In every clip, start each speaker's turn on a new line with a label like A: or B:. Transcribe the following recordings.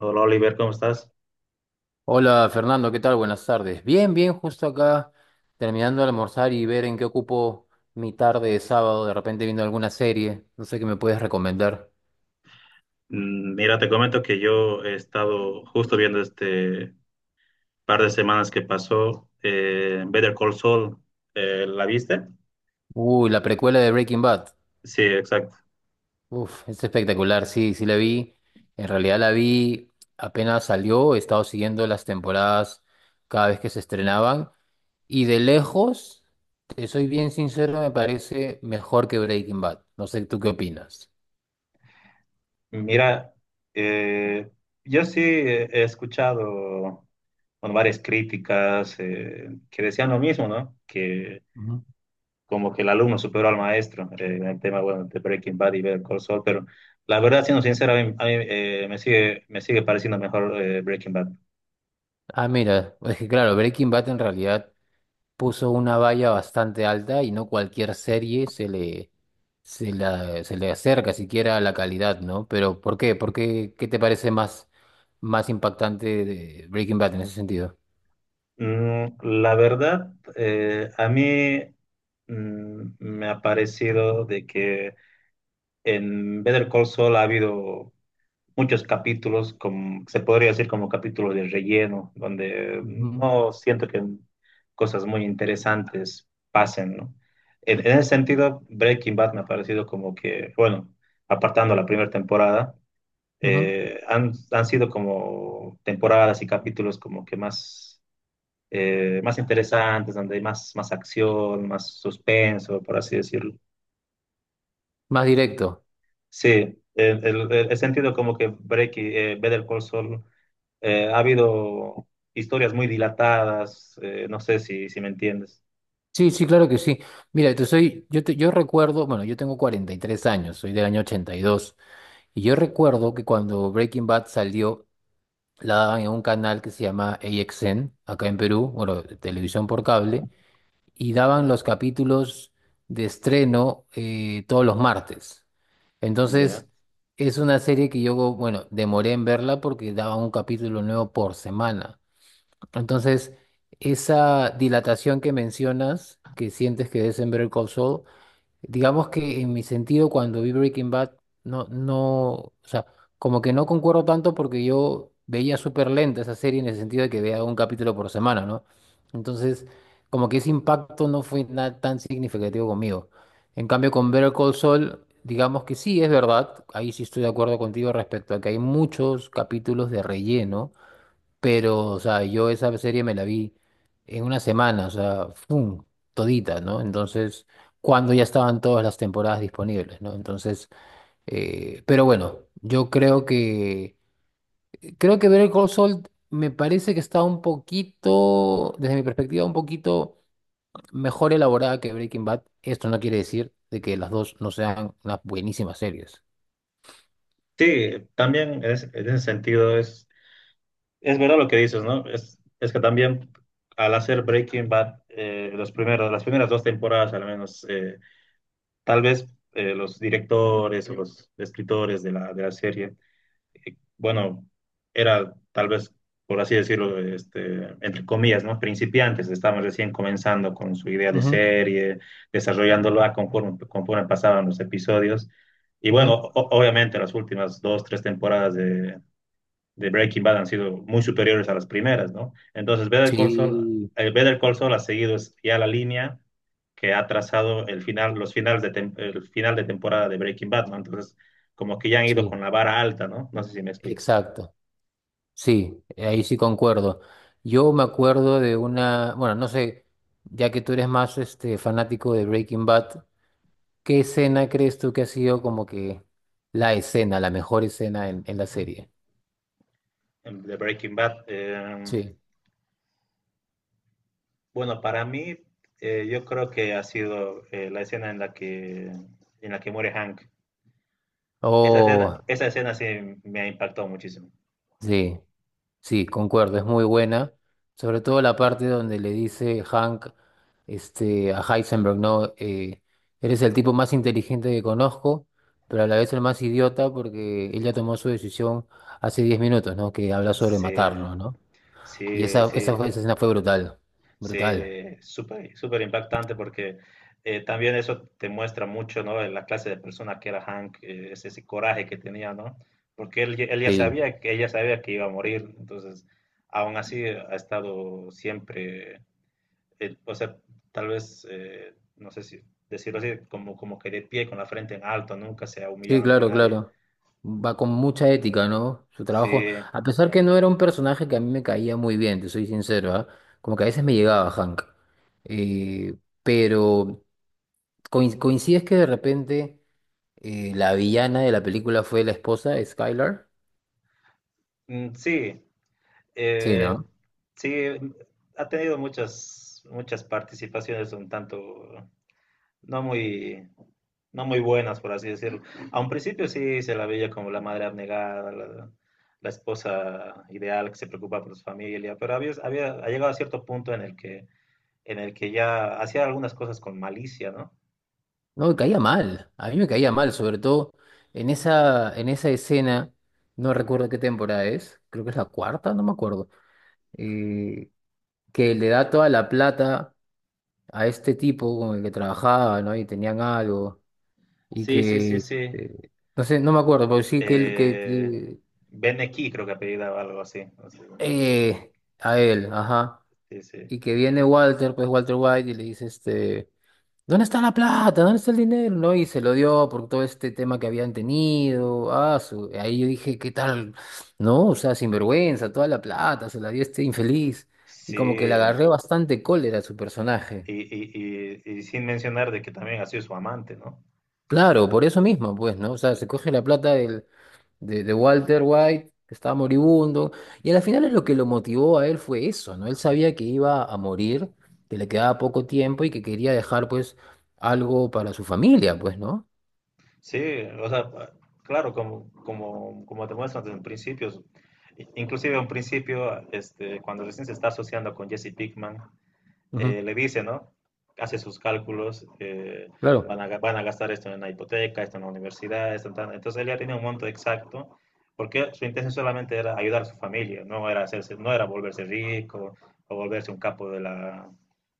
A: Hola Oliver, ¿cómo estás?
B: Hola Fernando, ¿qué tal? Buenas tardes. Bien, bien, justo acá terminando de almorzar y ver en qué ocupo mi tarde de sábado, de repente viendo alguna serie, no sé qué me puedes recomendar.
A: Mira, te comento que yo he estado justo viendo este par de semanas que pasó Better Call Saul. ¿La viste?
B: Uy, la precuela de Breaking Bad.
A: Sí, exacto.
B: Uf, es espectacular, sí, sí la vi. En realidad la vi apenas salió, he estado siguiendo las temporadas cada vez que se estrenaban y de lejos, te soy bien sincero, me parece mejor que Breaking Bad. No sé tú qué opinas.
A: Mira, eh, yo sí he escuchado bueno, varias críticas que decían lo mismo, ¿no? Que como que el alumno superó al maestro en el tema, bueno, de Breaking Bad y Better Call Saul, pero la verdad, siendo sincero, a mí, me sigue pareciendo mejor Breaking Bad.
B: Ah, mira, es que claro, Breaking Bad en realidad puso una valla bastante alta y no cualquier serie se le acerca siquiera a la calidad, ¿no? Pero ¿por qué? ¿Qué te parece más impactante de Breaking Bad en ese sentido?
A: La verdad, a mí me ha parecido de que en Better Call Saul ha habido muchos capítulos, como, se podría decir como capítulos de relleno, donde
B: Ujú,
A: no siento que cosas muy interesantes pasen, ¿no? En ese sentido, Breaking Bad me ha parecido como que, bueno, apartando la primera temporada,
B: ujú.
A: han sido como temporadas y capítulos como que más más interesantes, donde hay más, más acción, más suspenso, por así decirlo.
B: Más directo.
A: Sí, he sentido como que Better Call Saul, ha habido historias muy dilatadas, no sé si, si me entiendes.
B: Sí, sí, claro que sí. Mira, te soy, yo, te- yo recuerdo, bueno, yo tengo 43 años, soy del año 82 y yo recuerdo que cuando Breaking Bad salió, la daban en un canal que se llama AXN, acá en Perú, bueno, televisión por cable, y daban los capítulos de estreno todos los martes.
A: Ya.
B: Entonces, es una serie que yo, bueno, demoré en verla porque daban un capítulo nuevo por semana. Entonces, esa dilatación que mencionas, que sientes que es en Better Call Saul, digamos que en mi sentido, cuando vi Breaking Bad, no, no, o sea, como que no concuerdo tanto porque yo veía súper lenta esa serie en el sentido de que veía un capítulo por semana, ¿no? Entonces, como que ese impacto no fue nada tan significativo conmigo. En cambio, con Better Call Saul, digamos que sí, es verdad, ahí sí estoy de acuerdo contigo respecto a que hay muchos capítulos de relleno pero, o sea, yo esa serie me la vi en una semana, o sea, ¡fum! Todita, ¿no? Entonces, cuando ya estaban todas las temporadas disponibles, ¿no? Entonces, pero bueno, creo que Better Call Saul me parece que está un poquito, desde mi perspectiva, un poquito mejor elaborada que Breaking Bad. Esto no quiere decir de que las dos no sean unas buenísimas series.
A: Sí, también es, en ese sentido es verdad lo que dices, ¿no? Es que también al hacer Breaking Bad, los primeros, las primeras dos temporadas al menos, tal vez, los directores o los escritores de la serie bueno, era tal vez, por así decirlo, este, entre comillas, ¿no? Principiantes, estaban recién comenzando con su idea de
B: Ujú,
A: serie, desarrollándola conforme, conforme pasaban los episodios. Y bueno,
B: ujú.
A: obviamente las últimas dos, tres temporadas de Breaking Bad han sido muy superiores a las primeras, ¿no? Entonces, Better Call Saul,
B: Sí,
A: Better Call Saul ha seguido ya la línea que ha trazado el final, los finales el final de temporada de Breaking Bad, ¿no? Entonces, como que ya han ido con
B: sí,
A: la vara alta, ¿no? No sé si me explico.
B: exacto. Sí, ahí sí concuerdo. Yo me acuerdo de una, bueno, no sé, ya que tú eres más este fanático de Breaking Bad, ¿qué escena crees tú que ha sido como que la mejor escena en la serie?
A: De Breaking Bad,
B: Sí.
A: bueno, para mí, yo creo que ha sido la escena en la que muere Hank.
B: Oh,
A: Esa escena sí me ha impactado muchísimo.
B: sí. Sí, concuerdo, es muy buena. Sobre todo la parte donde le dice Hank este, a Heisenberg, ¿no? Eres el tipo más inteligente que conozco, pero a la vez el más idiota porque ella tomó su decisión hace 10 minutos, ¿no? Que habla sobre
A: Sí,
B: matarlo, ¿no? Y
A: sí, sí.
B: esa escena fue brutal,
A: Sí,
B: brutal.
A: súper, súper impactante porque también eso te muestra mucho, ¿no? La clase de persona que era Hank, ese, ese coraje que tenía, ¿no? Porque él, él ya
B: Sí.
A: sabía que ella sabía que iba a morir, entonces, aún así ha estado siempre, o sea, tal vez, no sé si decirlo así, como, como que de pie con la frente en alto, nunca se ha
B: Sí,
A: humillado ante
B: claro,
A: nadie.
B: claro. Va con mucha ética, ¿no? Su trabajo,
A: Sí,
B: a pesar que no era un personaje que a mí me caía muy bien, te soy sincero, ¿ah? Como que a veces me llegaba Hank. Eh, pero coincides que de repente la villana de la película fue la esposa, Skylar.
A: sí,
B: Sí,
A: eh,
B: ¿no?
A: sí, ha tenido muchas, muchas participaciones un tanto no muy, no muy buenas, por así decirlo. A un principio sí se la veía como la madre abnegada, la esposa ideal que se preocupa por su familia, pero había, ha llegado a cierto punto en el que ya hacía algunas cosas con malicia, ¿no?
B: No, me caía mal. A mí me caía
A: Eh,
B: mal, sobre todo en esa escena, no recuerdo qué temporada es, creo que es la cuarta, no me acuerdo, eh, que le da toda la plata a este tipo con el que trabajaba, ¿no? Y tenían algo, y
A: sí, sí, sí,
B: que,
A: sí.
B: este, no sé, no me acuerdo, pero sí que
A: Eh, Beneki creo que apellida o algo así. No sé, no sé.
B: eh, a él, ajá,
A: Sí, sí.
B: y que viene Walter White, y le dice, este, ¿dónde está la plata? ¿Dónde está el dinero? ¿No? Y se lo dio por todo este tema que habían tenido, ah, ahí yo dije, ¿qué tal? No, o sea, sinvergüenza, toda la plata, se la dio este infeliz, y
A: Sí,
B: como que le agarré bastante cólera a su personaje.
A: y sin mencionar de que también ha sido su amante, ¿no?
B: Claro, por eso mismo, pues, ¿no? O sea,
A: Sí.
B: se coge la plata de Walter White, que estaba moribundo, y a la final es lo que lo motivó a él fue eso, ¿no? Él sabía que iba a morir, que le quedaba poco tiempo y que quería dejar, pues, algo para su familia, pues, ¿no?
A: Sí, o sea, claro, como, como, como te muestran desde un principio, inclusive en un principio, este, cuando recién se está asociando con Jesse Pickman,
B: Ujú,
A: le dice, ¿no? Hace sus cálculos,
B: claro.
A: van a gastar esto en la hipoteca, esto en la universidad, esto en tal. Entonces él ya tenía un monto exacto, porque su intención solamente era ayudar a su familia, no era hacerse, no era volverse rico o volverse un capo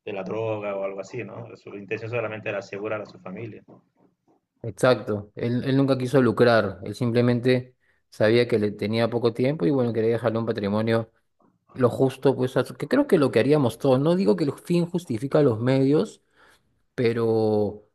A: de la droga o algo así, ¿no? Su intención solamente era asegurar a su familia.
B: Exacto, él nunca quiso lucrar, él simplemente sabía que le tenía poco tiempo y bueno, quería dejarle un patrimonio lo justo, pues, a que creo que lo que haríamos todos, no digo que el fin justifica los medios, pero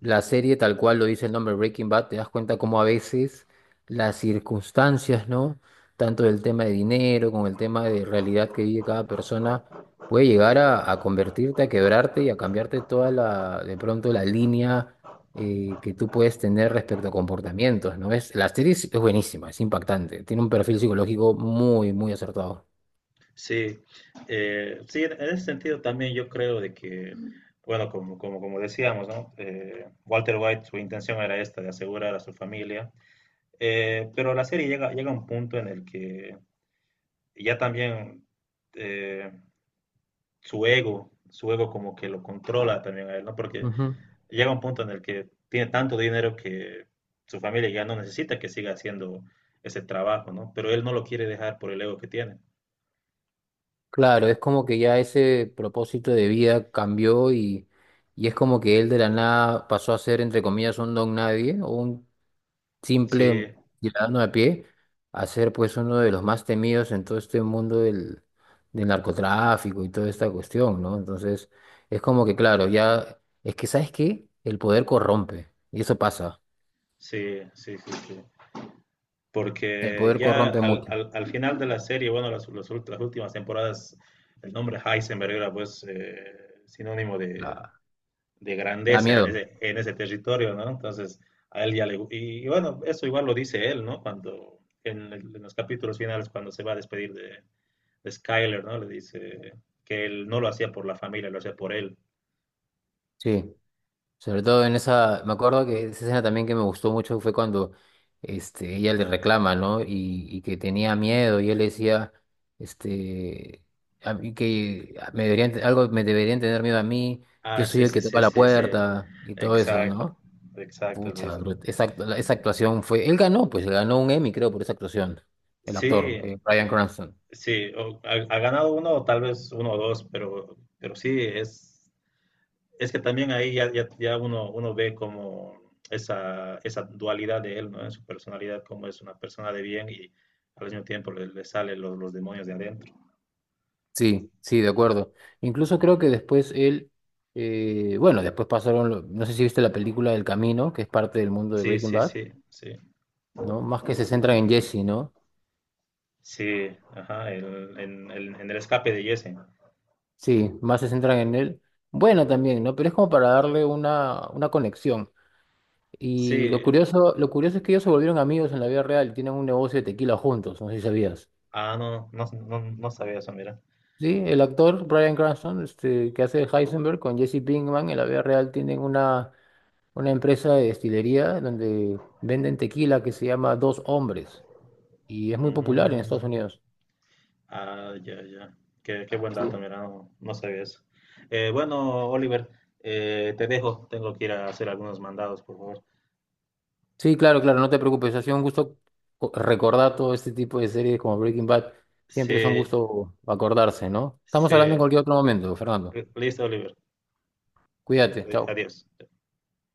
B: la serie tal cual lo dice el nombre Breaking Bad, te das cuenta cómo a veces las circunstancias, ¿no? Tanto del tema de dinero, con el tema de realidad que vive cada persona, puede llegar a convertirte, a quebrarte y a cambiarte toda la, de pronto la línea que tú puedes tener respecto a comportamientos, ¿no? Es, la serie es buenísima, es impactante, tiene un perfil psicológico muy, muy acertado.
A: Sí, sí, en ese sentido también yo creo de que, bueno, como, como, como decíamos, ¿no? Walter White, su intención era esta, de asegurar a su familia. Pero la serie llega, llega a un punto en el que ya también eh, su ego como que lo controla también a él, ¿no? Porque
B: Ujú.
A: llega un punto en el que tiene tanto dinero que su familia ya no necesita que siga haciendo ese trabajo, ¿no? Pero él no lo quiere dejar por el ego que tiene.
B: Claro, es como que ya ese propósito de vida cambió y es como que él de la nada pasó a ser, entre comillas, un don nadie o un
A: Sí,
B: simple ciudadano a pie, a ser pues uno de los más temidos en todo este mundo del, del narcotráfico y toda esta cuestión, ¿no? Entonces, es como que, claro, ya, es que, ¿sabes qué? El poder corrompe y eso pasa.
A: sí, sí, sí, sí.
B: El
A: Porque
B: poder
A: ya
B: corrompe
A: al,
B: mucho.
A: al, al final de la serie, bueno, las últimas temporadas, el nombre Heisenberg era pues sinónimo de,
B: da
A: de,
B: Da
A: grandeza
B: miedo,
A: en ese territorio, ¿no? Entonces, a él ya le... Y, y bueno, eso igual lo dice él, ¿no? Cuando en los capítulos finales, cuando se va a despedir de Skyler, ¿no? Le dice que él no lo hacía por la familia, lo hacía por él.
B: sí. Sobre todo en esa, me acuerdo que esa escena también que me gustó mucho fue cuando este, ella le reclama, ¿no? Y que tenía miedo y él le decía, este, a mí que me deberían, algo me deberían tener miedo a mí, yo
A: Ah,
B: soy
A: sí,
B: el
A: sí,
B: que toca
A: sí,
B: la
A: sí, sí.
B: puerta y todo eso,
A: Exacto,
B: ¿no?
A: exacto, le
B: Pucha,
A: dice. ¿No?
B: bro, esa actuación fue, él ganó, pues ganó un Emmy, creo, por esa actuación, el actor,
A: Sí.
B: Bryan Cranston.
A: Sí, ha, ha ganado uno o tal vez uno o dos, pero sí, es que también ahí ya, ya, ya uno, uno ve como esa dualidad de él, ¿no? En su personalidad, como es una persona de bien y al mismo tiempo le, le salen los demonios de adentro.
B: Sí, sí, de acuerdo. Incluso creo que después él, bueno, después pasaron, no sé si viste la película del Camino, que es parte del mundo de
A: Sí,
B: Breaking
A: sí,
B: Bad,
A: sí, sí.
B: ¿no? Más que se centran en Jesse, ¿no?
A: Sí, ajá, en el escape de Jesse.
B: Sí, más se centran en él. Bueno, también, ¿no? Pero es como para darle una conexión.
A: Sí,
B: Y lo curioso es que ellos se volvieron amigos en la vida real, tienen un negocio de tequila juntos, no sé si sabías.
A: ah, no, no, no, no sabía eso, mira.
B: Sí, el actor Bryan Cranston, este, que hace de Heisenberg con Jesse Pinkman en la vida real tienen una empresa de destilería donde venden tequila que se llama Dos Hombres y es muy popular en Estados
A: Mm.
B: Unidos.
A: Ah, ya, ya. Qué, qué buen
B: Sí.
A: dato, mira, no, no sabía eso. Bueno, Oliver, te dejo, tengo que ir a hacer algunos mandados, por favor.
B: Sí, claro, claro, no te preocupes, ha sido un gusto recordar todo este tipo de series como Breaking Bad. Siempre es un
A: Sí,
B: gusto acordarse, ¿no? Estamos hablando en
A: sí.
B: cualquier otro momento, Fernando.
A: Listo, Oliver.
B: Cuídate, chao.
A: Adiós.